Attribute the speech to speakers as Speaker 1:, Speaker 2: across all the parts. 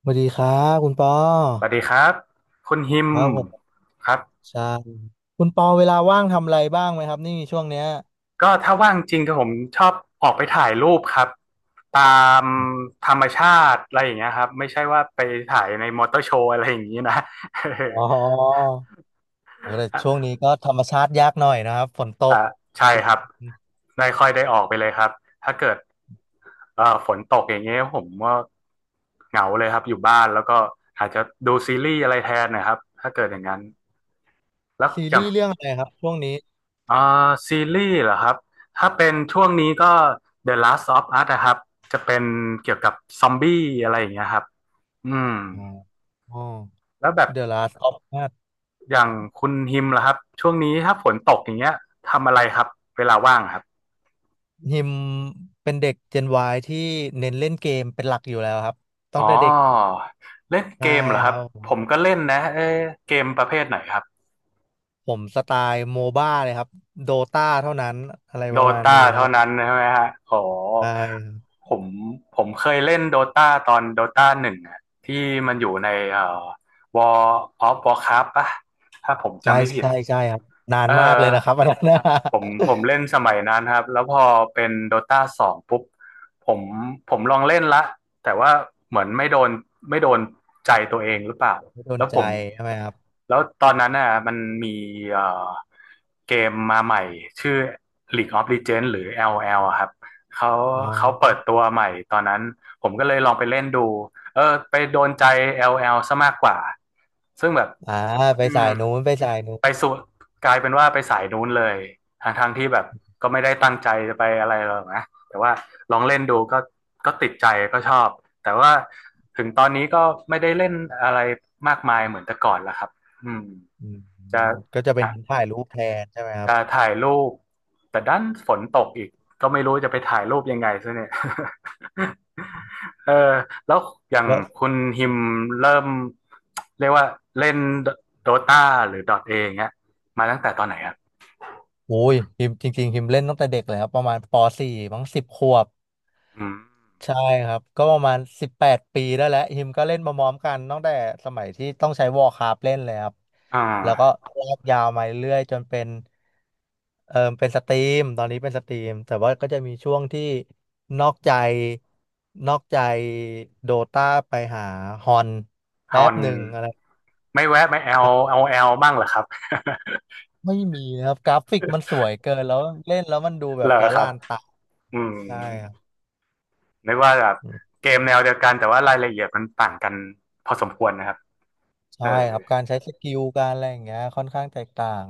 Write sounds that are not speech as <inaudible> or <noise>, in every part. Speaker 1: สวัสดีครับคุณปอ
Speaker 2: สวัสดีครับคุณฮิม
Speaker 1: ครับผม
Speaker 2: ครับ
Speaker 1: ใช่คุณปอเวลาว่างทำอะไรบ้างไหมครับนี่ช่วงเนี้ย
Speaker 2: ก็ถ้าว่างจริงก็ผมชอบออกไปถ่ายรูปครับตามธรรมชาติอะไรอย่างเงี้ยครับไม่ใช่ว่าไปถ่ายในมอเตอร์โชว์อะไรอย่างงี้นะ <laughs>
Speaker 1: อ๋อโอ้แต่ช่ว
Speaker 2: อ่ะ
Speaker 1: งนี้ก็ธรรมชาติยากหน่อยนะครับฝนต
Speaker 2: อ่ะ
Speaker 1: ก
Speaker 2: ใช่
Speaker 1: ทุก
Speaker 2: ครับไม่ค่อยได้ออกไปเลยครับถ้าเกิดฝนตกอย่างเงี้ยผมก็เหงาเลยครับอยู่บ้านแล้วก็อาจจะดูซีรีส์อะไรแทนนะครับถ้าเกิดอย่างนั้นแล้ว
Speaker 1: ซี
Speaker 2: อย่าง
Speaker 1: รีส์เรื่องอะไรครับช่วงนี้
Speaker 2: อ่าซีรีส์เหรอครับถ้าเป็นช่วงนี้ก็ The Last of Us นะครับจะเป็นเกี่ยวกับซอมบี้อะไรอย่างเงี้ยครับอืม
Speaker 1: อ๋ออ๋อ
Speaker 2: แล้วแบบ
Speaker 1: The Last of Us
Speaker 2: อย่างคุณฮิมล่ะครับช่วงนี้ถ้าฝนตกอย่างเงี้ยทำอะไรครับเวลาว่างครับ
Speaker 1: ฮิมเป็นเด็ก Gen Y ที่เน้นเล่นเกมเป็นหลักอยู่แล้วครับตั้
Speaker 2: อ๋
Speaker 1: ง
Speaker 2: อ
Speaker 1: แต่เด็ก
Speaker 2: เล่นเก
Speaker 1: ใช่
Speaker 2: มเหรอค
Speaker 1: ค
Speaker 2: รับ
Speaker 1: รั
Speaker 2: ผ
Speaker 1: บ
Speaker 2: มก็เล่นนะเอ๊ะเกมประเภทไหนครับ
Speaker 1: ผมสไตล์โมบ้าเลยครับโดตาเท่านั้นอะไร
Speaker 2: โด
Speaker 1: ประมาณ
Speaker 2: ตา
Speaker 1: นี้ครั
Speaker 2: เท่า
Speaker 1: บ
Speaker 2: นั้นใช่ไหมฮะขอ
Speaker 1: ได้
Speaker 2: ผมผมเคยเล่นโดตาตอนโดตาหนึ่งอะที่มันอยู่ในWar of Warcraft ปะถ้าผม
Speaker 1: ใช่
Speaker 2: จำไม่ผิด
Speaker 1: ใช่ใช่ครับนาน
Speaker 2: เออ
Speaker 1: มากเลยนะครับอันนั้นนะ
Speaker 2: ผมเล่นสมัยนั้นครับแล้วพอเป็นโดตาสองปุ๊บผมผมลองเล่นละแต่ว่าเหมือนไม่โดนไม่โดนใจตัวเองหรือเปล่า
Speaker 1: <laughs> ไม่โดน
Speaker 2: แล้วผ
Speaker 1: ใจ
Speaker 2: ม
Speaker 1: ใช่ไหมครับ
Speaker 2: แล้วตอนนั้นน่ะมันมีเอ่อเกมมาใหม่ชื่อ League of Legends หรือ l l อลอะครับเขา
Speaker 1: น้อ
Speaker 2: เขา
Speaker 1: ง
Speaker 2: เปิดตัวใหม่ตอนนั้นผมก็เลยลองไปเล่นดูเออไปโดนใจ l l ซะมากกว่าซึ่งแบบ
Speaker 1: อ่าไป
Speaker 2: อื
Speaker 1: สา
Speaker 2: ม
Speaker 1: ยนู้นไปสายนู้
Speaker 2: ไป
Speaker 1: น
Speaker 2: ส่วนกลายเป็นว่าไปสายนู้นเลยทางทางๆที่แบบก็ไม่ได้ตั้งใจจะไปอะไรหรอกนะแต่ว่าลองเล่นดูก็ติดใจก็ชอบแต่ว่าถึงตอนนี้ก็ไม่ได้เล่นอะไรมากมายเหมือนแต่ก่อนแล้วครับอืม
Speaker 1: อืม
Speaker 2: จะ
Speaker 1: ก็จะเป็นถ่ายรูปแทนใช่ไหมครับ
Speaker 2: จะถ่ายรูปแต่ด้านฝนตกอีกก็ไม่รู้จะไปถ่ายรูปยังไงซะเนี่ย <laughs> เออแล้วอย่าง
Speaker 1: แล้ว
Speaker 2: คุณฮิมเริ่มเรียกว่าเล่นโดตาหรือดอทเอย่างเงี้ยมาตั้งแต่ตอนไหนครับ
Speaker 1: โอ้ยฮิมจริงๆฮิมเล่นตั้งแต่เด็กเลยครับประมาณปสี่มั้งสิบขวบ
Speaker 2: อืม
Speaker 1: ใช่ครับก็ประมาณ18 ปีได้แล้วฮิมก็เล่นมาพร้อมกันตั้งแต่สมัยที่ต้องใช้วอ r c คราฟเล่นเลยครับ
Speaker 2: อ่า
Speaker 1: แล้วก็ลากยาวมาเรื่อยๆจนเป็นเป็นสตรีมตอนนี้เป็นสตรีมแต่ว่าก็จะมีช่วงที่นอกใจนอกใจโดตาไปหาฮอน
Speaker 2: ฮ
Speaker 1: แป๊
Speaker 2: อ
Speaker 1: บ
Speaker 2: น
Speaker 1: หนึ่งอะไร
Speaker 2: ไม่แวะไม่แอลเอาแอลบ้างเหรอครับ
Speaker 1: ไม่มีนะครับกราฟิกมันสวยเกินแล้วเล่นแล้วมันดู
Speaker 2: <laughs>
Speaker 1: แบ
Speaker 2: เหร
Speaker 1: บ
Speaker 2: อ
Speaker 1: ละ
Speaker 2: ครับ
Speaker 1: ลานตา
Speaker 2: อืม
Speaker 1: ได้ครับ
Speaker 2: นึกว่าแบบ
Speaker 1: อืม
Speaker 2: เกมแนวเดียวกันแต่ว่ารายละเอียดมันต่างกันพอสมควรนะครับ
Speaker 1: ใช่
Speaker 2: เออ
Speaker 1: ครับการใช้สกิลการอะไรอย่างเงี้ยค่อนข้างแตกต่าง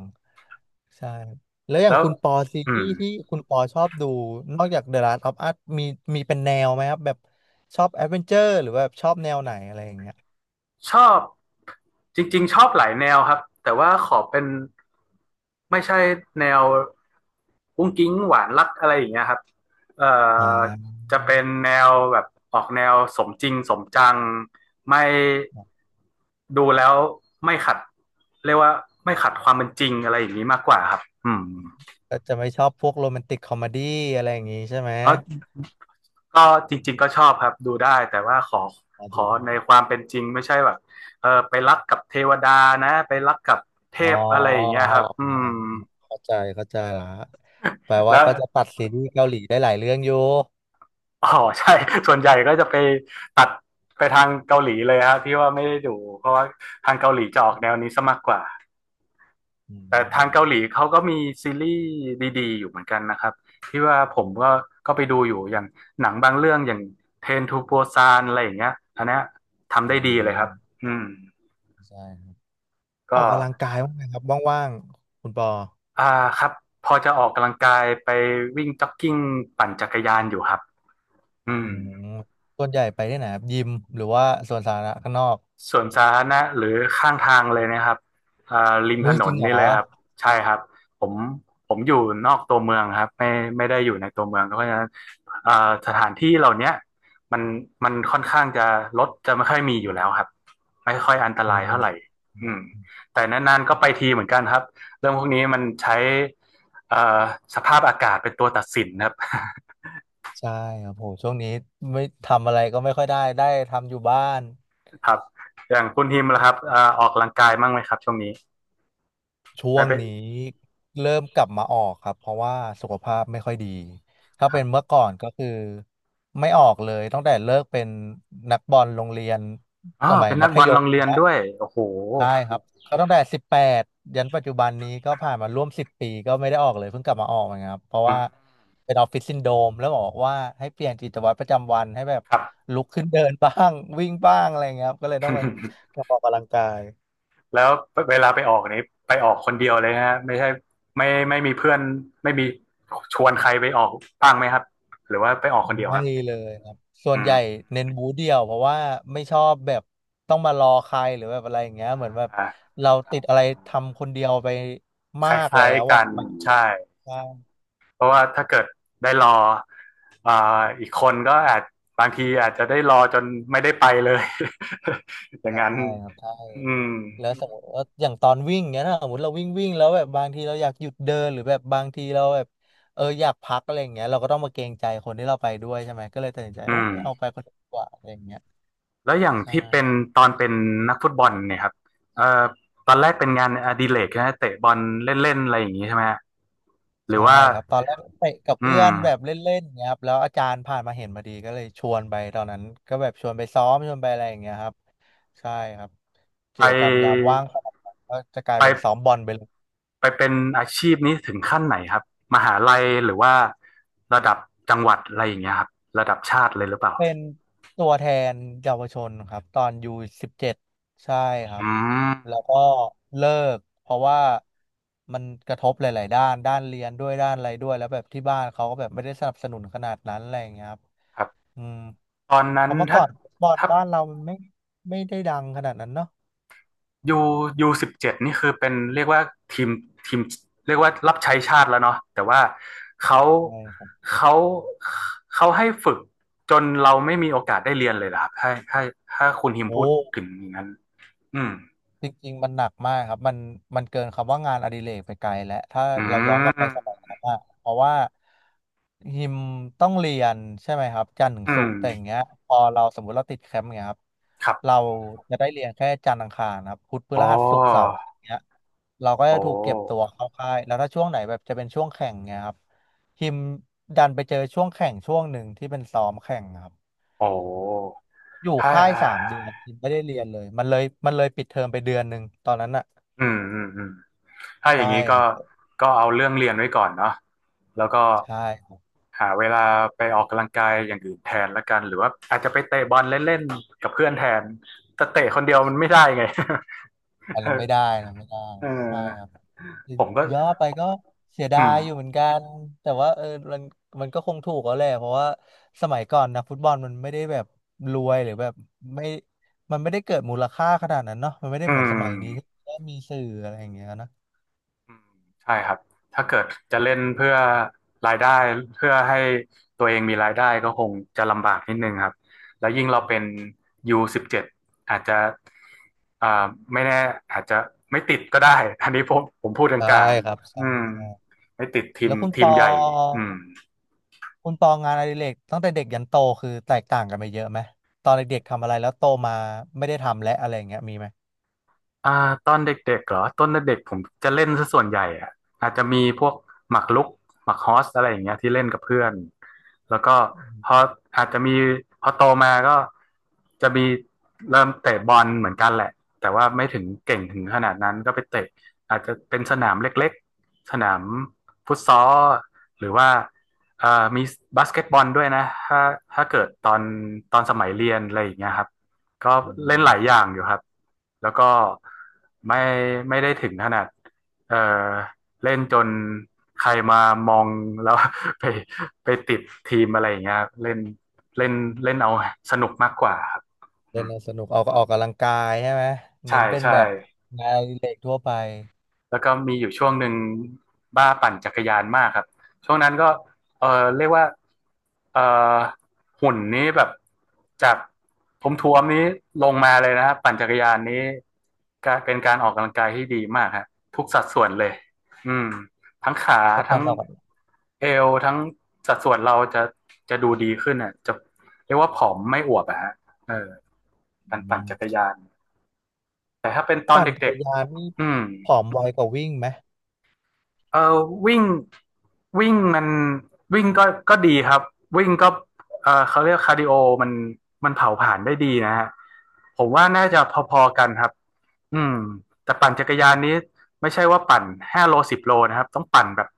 Speaker 1: ใช่ครับแล้วอย่า
Speaker 2: แล้
Speaker 1: ง
Speaker 2: ว
Speaker 1: คุณปอซี
Speaker 2: อื
Speaker 1: รี
Speaker 2: ม
Speaker 1: ส์ที่คุณปอชอบดูนอกจาก The Last of Us มีมีเป็นแนวไหมครับแบบชอบแอดเวนเจอร์หรือว่าแบบชอบแนวไหนอะไรอย่างเงี้ย
Speaker 2: ชอบจริงๆชอบหลายแนวครับแต่ว่าขอเป็นไม่ใช่แนวกุ้งกิ๊งหวานรักอะไรอย่างเงี้ยครับเอ่
Speaker 1: อ่า
Speaker 2: อจะเป็นแนวแบบออกแนวสมจริงสมจังไม่ดูแล้วไม่ขัดเรียกว่าไม่ขัดความเป็นจริงอะไรอย่างนี้มากกว่าครับอืม
Speaker 1: ก็จะไม่ชอบพวกโรแมนติกคอมเมดี้อะไรอย่างงี้ใช่ไหม
Speaker 2: ก็ก็จริงๆก็ชอบครับดูได้แต่ว่าขอ
Speaker 1: อ๋อ
Speaker 2: ข
Speaker 1: ดู
Speaker 2: อ
Speaker 1: ดู
Speaker 2: ในความเป็นจริงไม่ใช่แบบเออไปรักกับเทวดานะไปรักกับเท
Speaker 1: อ๋อ
Speaker 2: พอะไรอย่างเงี้
Speaker 1: อ๋
Speaker 2: ยค
Speaker 1: อ
Speaker 2: รับอื
Speaker 1: อ๋อ
Speaker 2: ม
Speaker 1: เข้าใจเข้าใจละแปลว่า
Speaker 2: แล้ว
Speaker 1: ก็จะตัดซีรีส์เกาหลีได้หลายเรื่องอยู่
Speaker 2: อ๋อใช่ <laughs> ส่วนใหญ่ก็จะไปตัดไปทางเกาหลีเลยครับที่ว่าไม่ได้ดูเพราะว่าทางเกาหลีจะออกแนวนี้ซะมากกว่า
Speaker 1: อื
Speaker 2: แต่ทางเกาห
Speaker 1: ม
Speaker 2: ลีเขาก็มีซีรีส์ดีๆอยู่เหมือนกันนะครับที่ว่าผมก็ไปดูอยู่อย่างหนังบางเรื่องอย่างเทรนทูโปซานอะไรอย่างเงี้ยอันเนี้ยทำ
Speaker 1: อม
Speaker 2: ได้ดีเลยครับ
Speaker 1: อ่า
Speaker 2: อืม
Speaker 1: ใช่ครับ ออ
Speaker 2: ก็
Speaker 1: กกำลังกายบ้างไหมครับว่างๆคุณปอ
Speaker 2: อ่าครับพอจะออกกำลังกายไปวิ่งจ็อกกิ้งปั่นจักรยานอยู่ครับอืม
Speaker 1: อืมส่วนใหญ่ไปที่ไหนครับยิมหรือว่าสวนสาธารณะข้างนอก
Speaker 2: สวนสาธารณะหรือข้างทางเลยนะครับอ่าริมถ
Speaker 1: มุ้ย
Speaker 2: น
Speaker 1: จ
Speaker 2: น
Speaker 1: ริงเหร
Speaker 2: นี่
Speaker 1: อ
Speaker 2: เลยครับใช่ครับผมผมอยู่นอกตัวเมืองครับไม่ไม่ได้อยู่ในตัวเมืองเพราะฉะนั้นอ่าสถานที่เหล่าเนี้ยมันมันค่อนข้างจะรถจะไม่ค่อยมีอยู่แล้วครับไม่ค่อยอันต
Speaker 1: อื
Speaker 2: ราย
Speaker 1: ม
Speaker 2: เท่าไหร่อืมแต่นานๆก็ไปทีเหมือนกันครับเรื่องพวกนี้มันใช้เอ่อสภาพอากาศเป็นตัวตัดสินครับ <laughs>
Speaker 1: ใช่ครับโหช่วงนี้ไม่ทำอะไรก็ไม่ค่อยได้ได้ทำอยู่บ้าน
Speaker 2: ครับอย่างคุณฮิมล่ะครับออกกำลังกายบ้างไหมครับช่วงนี้
Speaker 1: ช่
Speaker 2: ได้
Speaker 1: วง
Speaker 2: ไป
Speaker 1: นี้เริ่มกลับมาออกครับเพราะว่าสุขภาพไม่ค่อยดีถ้า
Speaker 2: ครั
Speaker 1: เป็นเมื่
Speaker 2: บ
Speaker 1: อก่อนก็คือไม่ออกเลยตั้งแต่เลิกเป็นนักบอลโรงเรียน
Speaker 2: อ๋
Speaker 1: ส
Speaker 2: อ
Speaker 1: มัย
Speaker 2: เป็นนั
Speaker 1: มั
Speaker 2: ก
Speaker 1: ธ
Speaker 2: บอล
Speaker 1: ย
Speaker 2: โร
Speaker 1: ม
Speaker 2: ง
Speaker 1: อ
Speaker 2: เรี
Speaker 1: ย่าง
Speaker 2: ยน
Speaker 1: เงี้ย
Speaker 2: ด้วยโอ้โห
Speaker 1: ใช่ครับเขาตั้งแต่สิบแปดยันปัจจุบันนี้ก็ผ่านมาร่วม10 ปีก็ไม่ได้ออกเลยเพิ่งกลับมาออกนะครับเพราะ
Speaker 2: อื
Speaker 1: ว่า
Speaker 2: ม
Speaker 1: เป็นออฟฟิศซินโดรมแล้วบอกว่าให้เปลี่ยนกิจวัตรประจำวันให้แบบ
Speaker 2: ครับ
Speaker 1: ลุกขึ้นเดินบ้าง <laughs> วิ่งบ้างอะไรเงี้ยครับก็เลยต้องแบบ
Speaker 2: <laughs>
Speaker 1: กลับมาออกกำลังกาย
Speaker 2: แล้วเวลาไปออกนี้ไปออกคนเดียวเลยฮะไม่ใช่ไม่ไม่มีเพื่อนไม่มีชวนใครไปออกบ้างไหมครับหรือว่าไปออกคนเดียว
Speaker 1: ไม่
Speaker 2: ครับ
Speaker 1: เลยครับส่ว
Speaker 2: อื
Speaker 1: นใหญ่
Speaker 2: ม
Speaker 1: เน้นบูธเดียวเพราะว่าไม่ชอบแบบต้องมารอใครหรือแบบอะไรอย่างเงี้ยเหมือนแบบ
Speaker 2: อ่า
Speaker 1: เราติดอะไรทำคนเดียวไป
Speaker 2: ค
Speaker 1: มากแล้
Speaker 2: ล้าย
Speaker 1: ว
Speaker 2: ๆกั
Speaker 1: อะ
Speaker 2: น
Speaker 1: มันก็
Speaker 2: ใช่
Speaker 1: ใช่
Speaker 2: เพราะว่าถ้าเกิดได้รออ่าอีกคนก็อาจบางทีอาจจะได้รอจนไม่ได้ไปเลย <laughs> อย่างนั้น
Speaker 1: ใช่ครับใช่
Speaker 2: อืม
Speaker 1: แล้วสมมติว่าอย่างตอนวิ่งเนี้ยนะสมมติเราวิ่งวิ่งแล้วแบบบางทีเราอยากหยุดเดินหรือแบบบางทีเราแบบอยากพักอะไรอย่างเงี้ยเราก็ต้องมาเกรงใจคนที่เราไปด้วยใช่ไหมก็เลยตัดสินใจ
Speaker 2: อื
Speaker 1: โอ้ไม่เอาไป
Speaker 2: ม
Speaker 1: คนเดียวดีกว่าอะไรอย่างเงี้ย
Speaker 2: แล้วอย่าง
Speaker 1: ใช่
Speaker 2: ที่เป็นตอนเป็นนักฟุตบอลเนี่ยครับเอ่อตอนแรกเป็นงานอดิเรกใช่ไหมเตะบอลเล่นๆอะไรอย่างนี้ใช่ไหมฮะหรือ
Speaker 1: ใช่
Speaker 2: ว่า
Speaker 1: ครับตอนแรกไปกับ
Speaker 2: อื
Speaker 1: เพื่อนแบบ
Speaker 2: ม
Speaker 1: เล่นๆเงี้ยครับแล้วอาจารย์ผ่านมาเห็นมาดีก็เลยชวนไปตอนนั้นก็แบบชวนไปซ้อมชวนไปอะไรอย่างเงี้ยครับใช่ครับ
Speaker 2: ไ
Speaker 1: กิจกรรมยาม
Speaker 2: ป
Speaker 1: ว่างก็จะกลายเป็น
Speaker 2: ไป
Speaker 1: ซ้อมบอลไปเลย
Speaker 2: ไปเป็นอาชีพนี้ถึงขั้นไหนครับมหาลัยหรือว่าระดับจังหวัดอะไรอย่างเงี้ยครับระดับชาติเลยหรือเปล่า
Speaker 1: เป็นตัวแทนเยาวชนครับตอนยู17ใช่ครับ
Speaker 2: อืม
Speaker 1: แล้วก็เลิกเพราะว่ามันกระทบหลายๆด้านด้านเรียนด้วยด้านอะไรด้วยแล้วแบบที่บ้านเขาก็แบบไม่ได้สนับสนุนขนาดนั้นอะไรอย่างเงี้ยครับ
Speaker 2: ครับ
Speaker 1: อืม
Speaker 2: ตอน
Speaker 1: เพ
Speaker 2: นั้น
Speaker 1: ราะเมื่อก่
Speaker 2: ถ้า
Speaker 1: อนบอร์ด
Speaker 2: ถ้า
Speaker 1: บ้านเรามันไม่ได้ดังขนาดนั้นเนาะ
Speaker 2: ยูยู17นี่คือเป็นเรียกว่าทีมทีมเรียกว่ารับใช้ชาติแล้วเนาะแต่ว่าเขา
Speaker 1: ใช่ครับ
Speaker 2: เขาเขาให้ฝึกจนเราไม่มีโอกาสได้เรียนเลยเหรอครับถ้าคุณฮิม
Speaker 1: โอ้
Speaker 2: พูดถึงอย่างนั้นอืม
Speaker 1: จริงๆมันหนักมากครับมันเกินคำว่างานอดิเรกไปไกลแล้วถ้า
Speaker 2: อื
Speaker 1: เราย้อนกลับ
Speaker 2: ม
Speaker 1: ไปสมัยนั้นอะเพราะว่าฮิมต้องเรียนใช่ไหมครับจันทร์ถึง
Speaker 2: อื
Speaker 1: ศุก
Speaker 2: ม
Speaker 1: ร์แต่อย่างเงี้ยพอเราสมมุติเราติดแคมป์เงี้ยครับ
Speaker 2: ครั
Speaker 1: เรา
Speaker 2: บ
Speaker 1: จะได้เรียนแค่จันทร์อังคารครับพุธพ
Speaker 2: อ๋อ
Speaker 1: ฤหัสศุกร์เสาร์อย่างเงี้ยเราก็
Speaker 2: โอ
Speaker 1: จะถูกเก็บตัว
Speaker 2: ้
Speaker 1: เข้าค่ายแล้วถ้าช่วงไหนแบบจะเป็นช่วงแข่งเงี้ยครับฮิมดันไปเจอช่วงแข่งช่วงหนึ่งที่เป็นซ้อมแข่งครับ
Speaker 2: โอ้
Speaker 1: อยู่
Speaker 2: ถ้า
Speaker 1: ค่าย3 เดือนฮิมไม่ได้เรียนเลยมันเลยปิดเทอมไป1 เดือนตอนนั้นอะ
Speaker 2: อืมอืมอืม ถ้าอ
Speaker 1: ใช่
Speaker 2: ย่างนี้
Speaker 1: ค
Speaker 2: ก็
Speaker 1: รับ
Speaker 2: เอาเรื่องเรียนไว้ก่อนเนาะแล้วก็
Speaker 1: ใช่ครับ
Speaker 2: หาเวลาไปออกกำลังกายอย่างอื่นแทนละกันหรือว่าอาจจะไปเตะบอลเล่นๆกับเพื่อนแทนแต่เตะคนเดียวมันไม่ได้ไง
Speaker 1: อันนั้นไม่
Speaker 2: <laughs>
Speaker 1: ได้นะไม่ได้
Speaker 2: เออ
Speaker 1: ใช่ครับ
Speaker 2: ผมก็
Speaker 1: ย่อไปก็เสีย
Speaker 2: อื
Speaker 1: ดายอยู่เหมื
Speaker 2: ม
Speaker 1: อนกันแต่ว่าเออมันมันก็คงถูกแล้วแหละเพราะว่าสมัยก่อนนะฟุตบอลมันไม่ได้แบบรวยหรือแบบไม่มันไม่ได้เกิดมูลค่าขนาดนั้นเนาะมันไม่ได้
Speaker 2: อื
Speaker 1: เหมือนส
Speaker 2: ม
Speaker 1: มัยนี้ที่ก็มีสื่ออะไรอย่างเงี้ยนะ
Speaker 2: อืมใช่ครับถ้าเกิดจะเล่นเพื่อรายได้เพื่อให้ตัวเองมีรายได้ก็คงจะลำบากนิดนึงครับแล้วยิ่งเราเป็น U17 อาจจะอ่าไม่แน่อาจจะไม่ติดก็ได้อันนี้ผมพูดก
Speaker 1: ใช่
Speaker 2: ลาง
Speaker 1: ครับ
Speaker 2: ๆ
Speaker 1: ใช่
Speaker 2: อืม
Speaker 1: ใช่
Speaker 2: ไม่ติดทีม
Speaker 1: แล้วคุณ
Speaker 2: ที
Speaker 1: ป
Speaker 2: ม
Speaker 1: อ
Speaker 2: ใหญ่อืม
Speaker 1: คุณปองานอดิเรกตั้งแต่เด็กยันโตคือแตกต่างกันไปเยอะไหมตอนเด็กๆทำอะไรแล้วโตมาไม่ได้ทำและอะไรอย่างเงี้ยมีไหม
Speaker 2: ตอนเด็กๆเหรอตอนเด็กๆผมจะเล่นซะส่วนใหญ่อะอาจจะมีพวกหมากรุกหมากฮอสอะไรอย่างเงี้ยที่เล่นกับเพื่อนแล้วก็พออาจจะมีพอโตมาก็จะมีเริ่มเตะบอลเหมือนกันแหละแต่ว่าไม่ถึงเก่งถึงขนาดนั้นก็ไปเตะอาจจะเป็นสนามเล็กๆสนามฟุตซอลหรือว่ามีบาสเกตบอลด้วยนะถ้าเกิดตอนสมัยเรียนอะไรอย่างเงี้ยครับ ก็
Speaker 1: อื
Speaker 2: เล่น
Speaker 1: ม
Speaker 2: หลายอย่างอยู่ครับ แล้วก็ไม่ไม่ได้ถึงขนาดเออเล่นจนใครมามองแล้ว <laughs> ไปไปติดทีมอะไรอย่างเงี้ยครับเล่นเล่นเล่นเอาสนุกมากกว่าครับอื
Speaker 1: เล่น
Speaker 2: ม
Speaker 1: แล้วสนุกออกออกกำลังกายใช่ไหม
Speaker 2: ใช่
Speaker 1: เน้นเป็น
Speaker 2: ใช่
Speaker 1: แบบงานอดิเล็กทั่วไป
Speaker 2: แล้วก็มีอยู่ช่วงหนึ่งบ้าปั่นจักรยานมากครับช่วงนั้นก็เออเรียกว่าเออหุ่นนี้แบบจากท้วมๆนี้ลงมาเลยนะครับปั่นจักรยานนี้ก็เป็นการออกกำลังกายที่ดีมากฮะทุกสัดส่วนเลยอืมทั้งขา
Speaker 1: จะ
Speaker 2: ทั้
Speaker 1: ปั่น
Speaker 2: ง
Speaker 1: ออกกำลัง
Speaker 2: เอวทั้งสัดส่วนเราจะดูดีขึ้นอ่ะจะเรียกว่าผอมไม่อวบอะฮะเออ
Speaker 1: อื
Speaker 2: การปั่น
Speaker 1: ม
Speaker 2: จักรยานแต่ถ้าเป็นตอน
Speaker 1: ปั่นจัก
Speaker 2: เด็
Speaker 1: ร
Speaker 2: ก
Speaker 1: ยานนี่
Speaker 2: ๆอืม
Speaker 1: ผอมไวกว่าวิ่งไหม
Speaker 2: เออวิ่งวิ่งมันวิ่งก็ดีครับวิ่งก็เออเขาเรียกคาร์ดิโอมันมันเผาผลาญได้ดีนะฮะผมว่าน่าจะพอๆกันครับอืมแต่ปั่นจักรยานนี้ไม่ใช่ว่าปั่น5 โล 10 โลนะครับต้องปั่นแบบ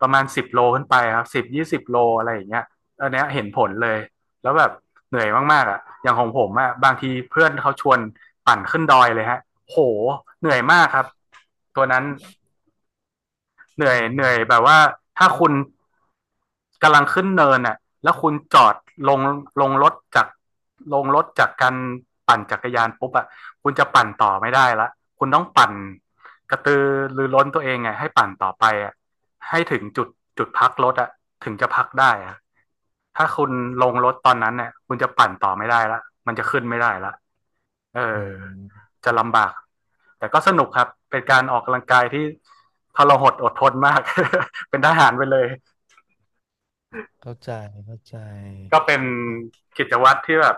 Speaker 2: ประมาณสิบโลขึ้นไปครับ10 20 โลอะไรอย่างเงี้ยอันเนี้ยเห็นผลเลยแล้วแบบเหนื่อยมากๆอ่ะอย่างของผมอ่ะบางทีเพื่อนเขาชวนปั่นขึ้นดอยเลยฮะโหเหนื่อยมากครับตัวนั้น เหนื่
Speaker 1: อื
Speaker 2: อยเหนื่อยแบบ
Speaker 1: ม
Speaker 2: ว่าถ้าคุณกำลังขึ้นเนินอ่ะแล้วคุณจอดลงลงรถจากลงรถจากการปั่นจักรยานปุ๊บอ่ะคุณจะปั่นต่อไม่ได้ละคุณต้องปั่นกระตือรือร้นตัวเองไงให้ปั่นต่อไปอ่ะให้ถึงจุดพักรถอ่ะถึงจะพักได้อ่ะถ้าคุณลงรถตอนนั้นเนี่ยคุณจะปั่นต่อไม่ได้ละมันจะขึ้นไม่ได้ละ เอ
Speaker 1: อื
Speaker 2: อ
Speaker 1: ม
Speaker 2: จะลำบากแต่ก็สนุกครับเป็นการออกกำลังกายที่ทรหดอดทนมาก <laughs> เป็นทหารไปเลย
Speaker 1: เข้าใจเข้าใจ
Speaker 2: ก็เป็น
Speaker 1: โอ้
Speaker 2: กิจวัตรที่แบบ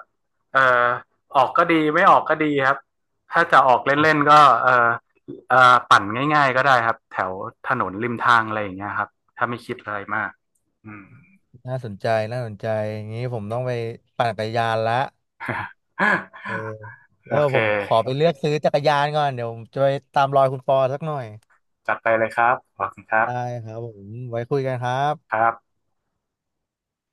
Speaker 2: เออออกก็ดีไม่ออกก็ดีครับถ้าจะออกเล่นๆก็เออเออปั่นง่ายๆก็ได้ครับแถวถนนริมทางอะไรอย่างเงี้ยครับถ้าไม่คิดอะไรมากอืม
Speaker 1: น่าสนใจน่าสนใจอย่างนี้ผมต้องไปปั่นจักรยานละเออ
Speaker 2: <laughs> โอ
Speaker 1: เดี๋ยว
Speaker 2: เค
Speaker 1: ผมขอไปเลือกซื้อจักรยานก่อนเดี๋ยวผมจะไปตามรอยคุณปอสักหน่อย
Speaker 2: จัดไปเลยครับขอบคุณครั
Speaker 1: ได้
Speaker 2: บ
Speaker 1: ครับผมไว้คุยกันครั
Speaker 2: ค
Speaker 1: บ
Speaker 2: รับ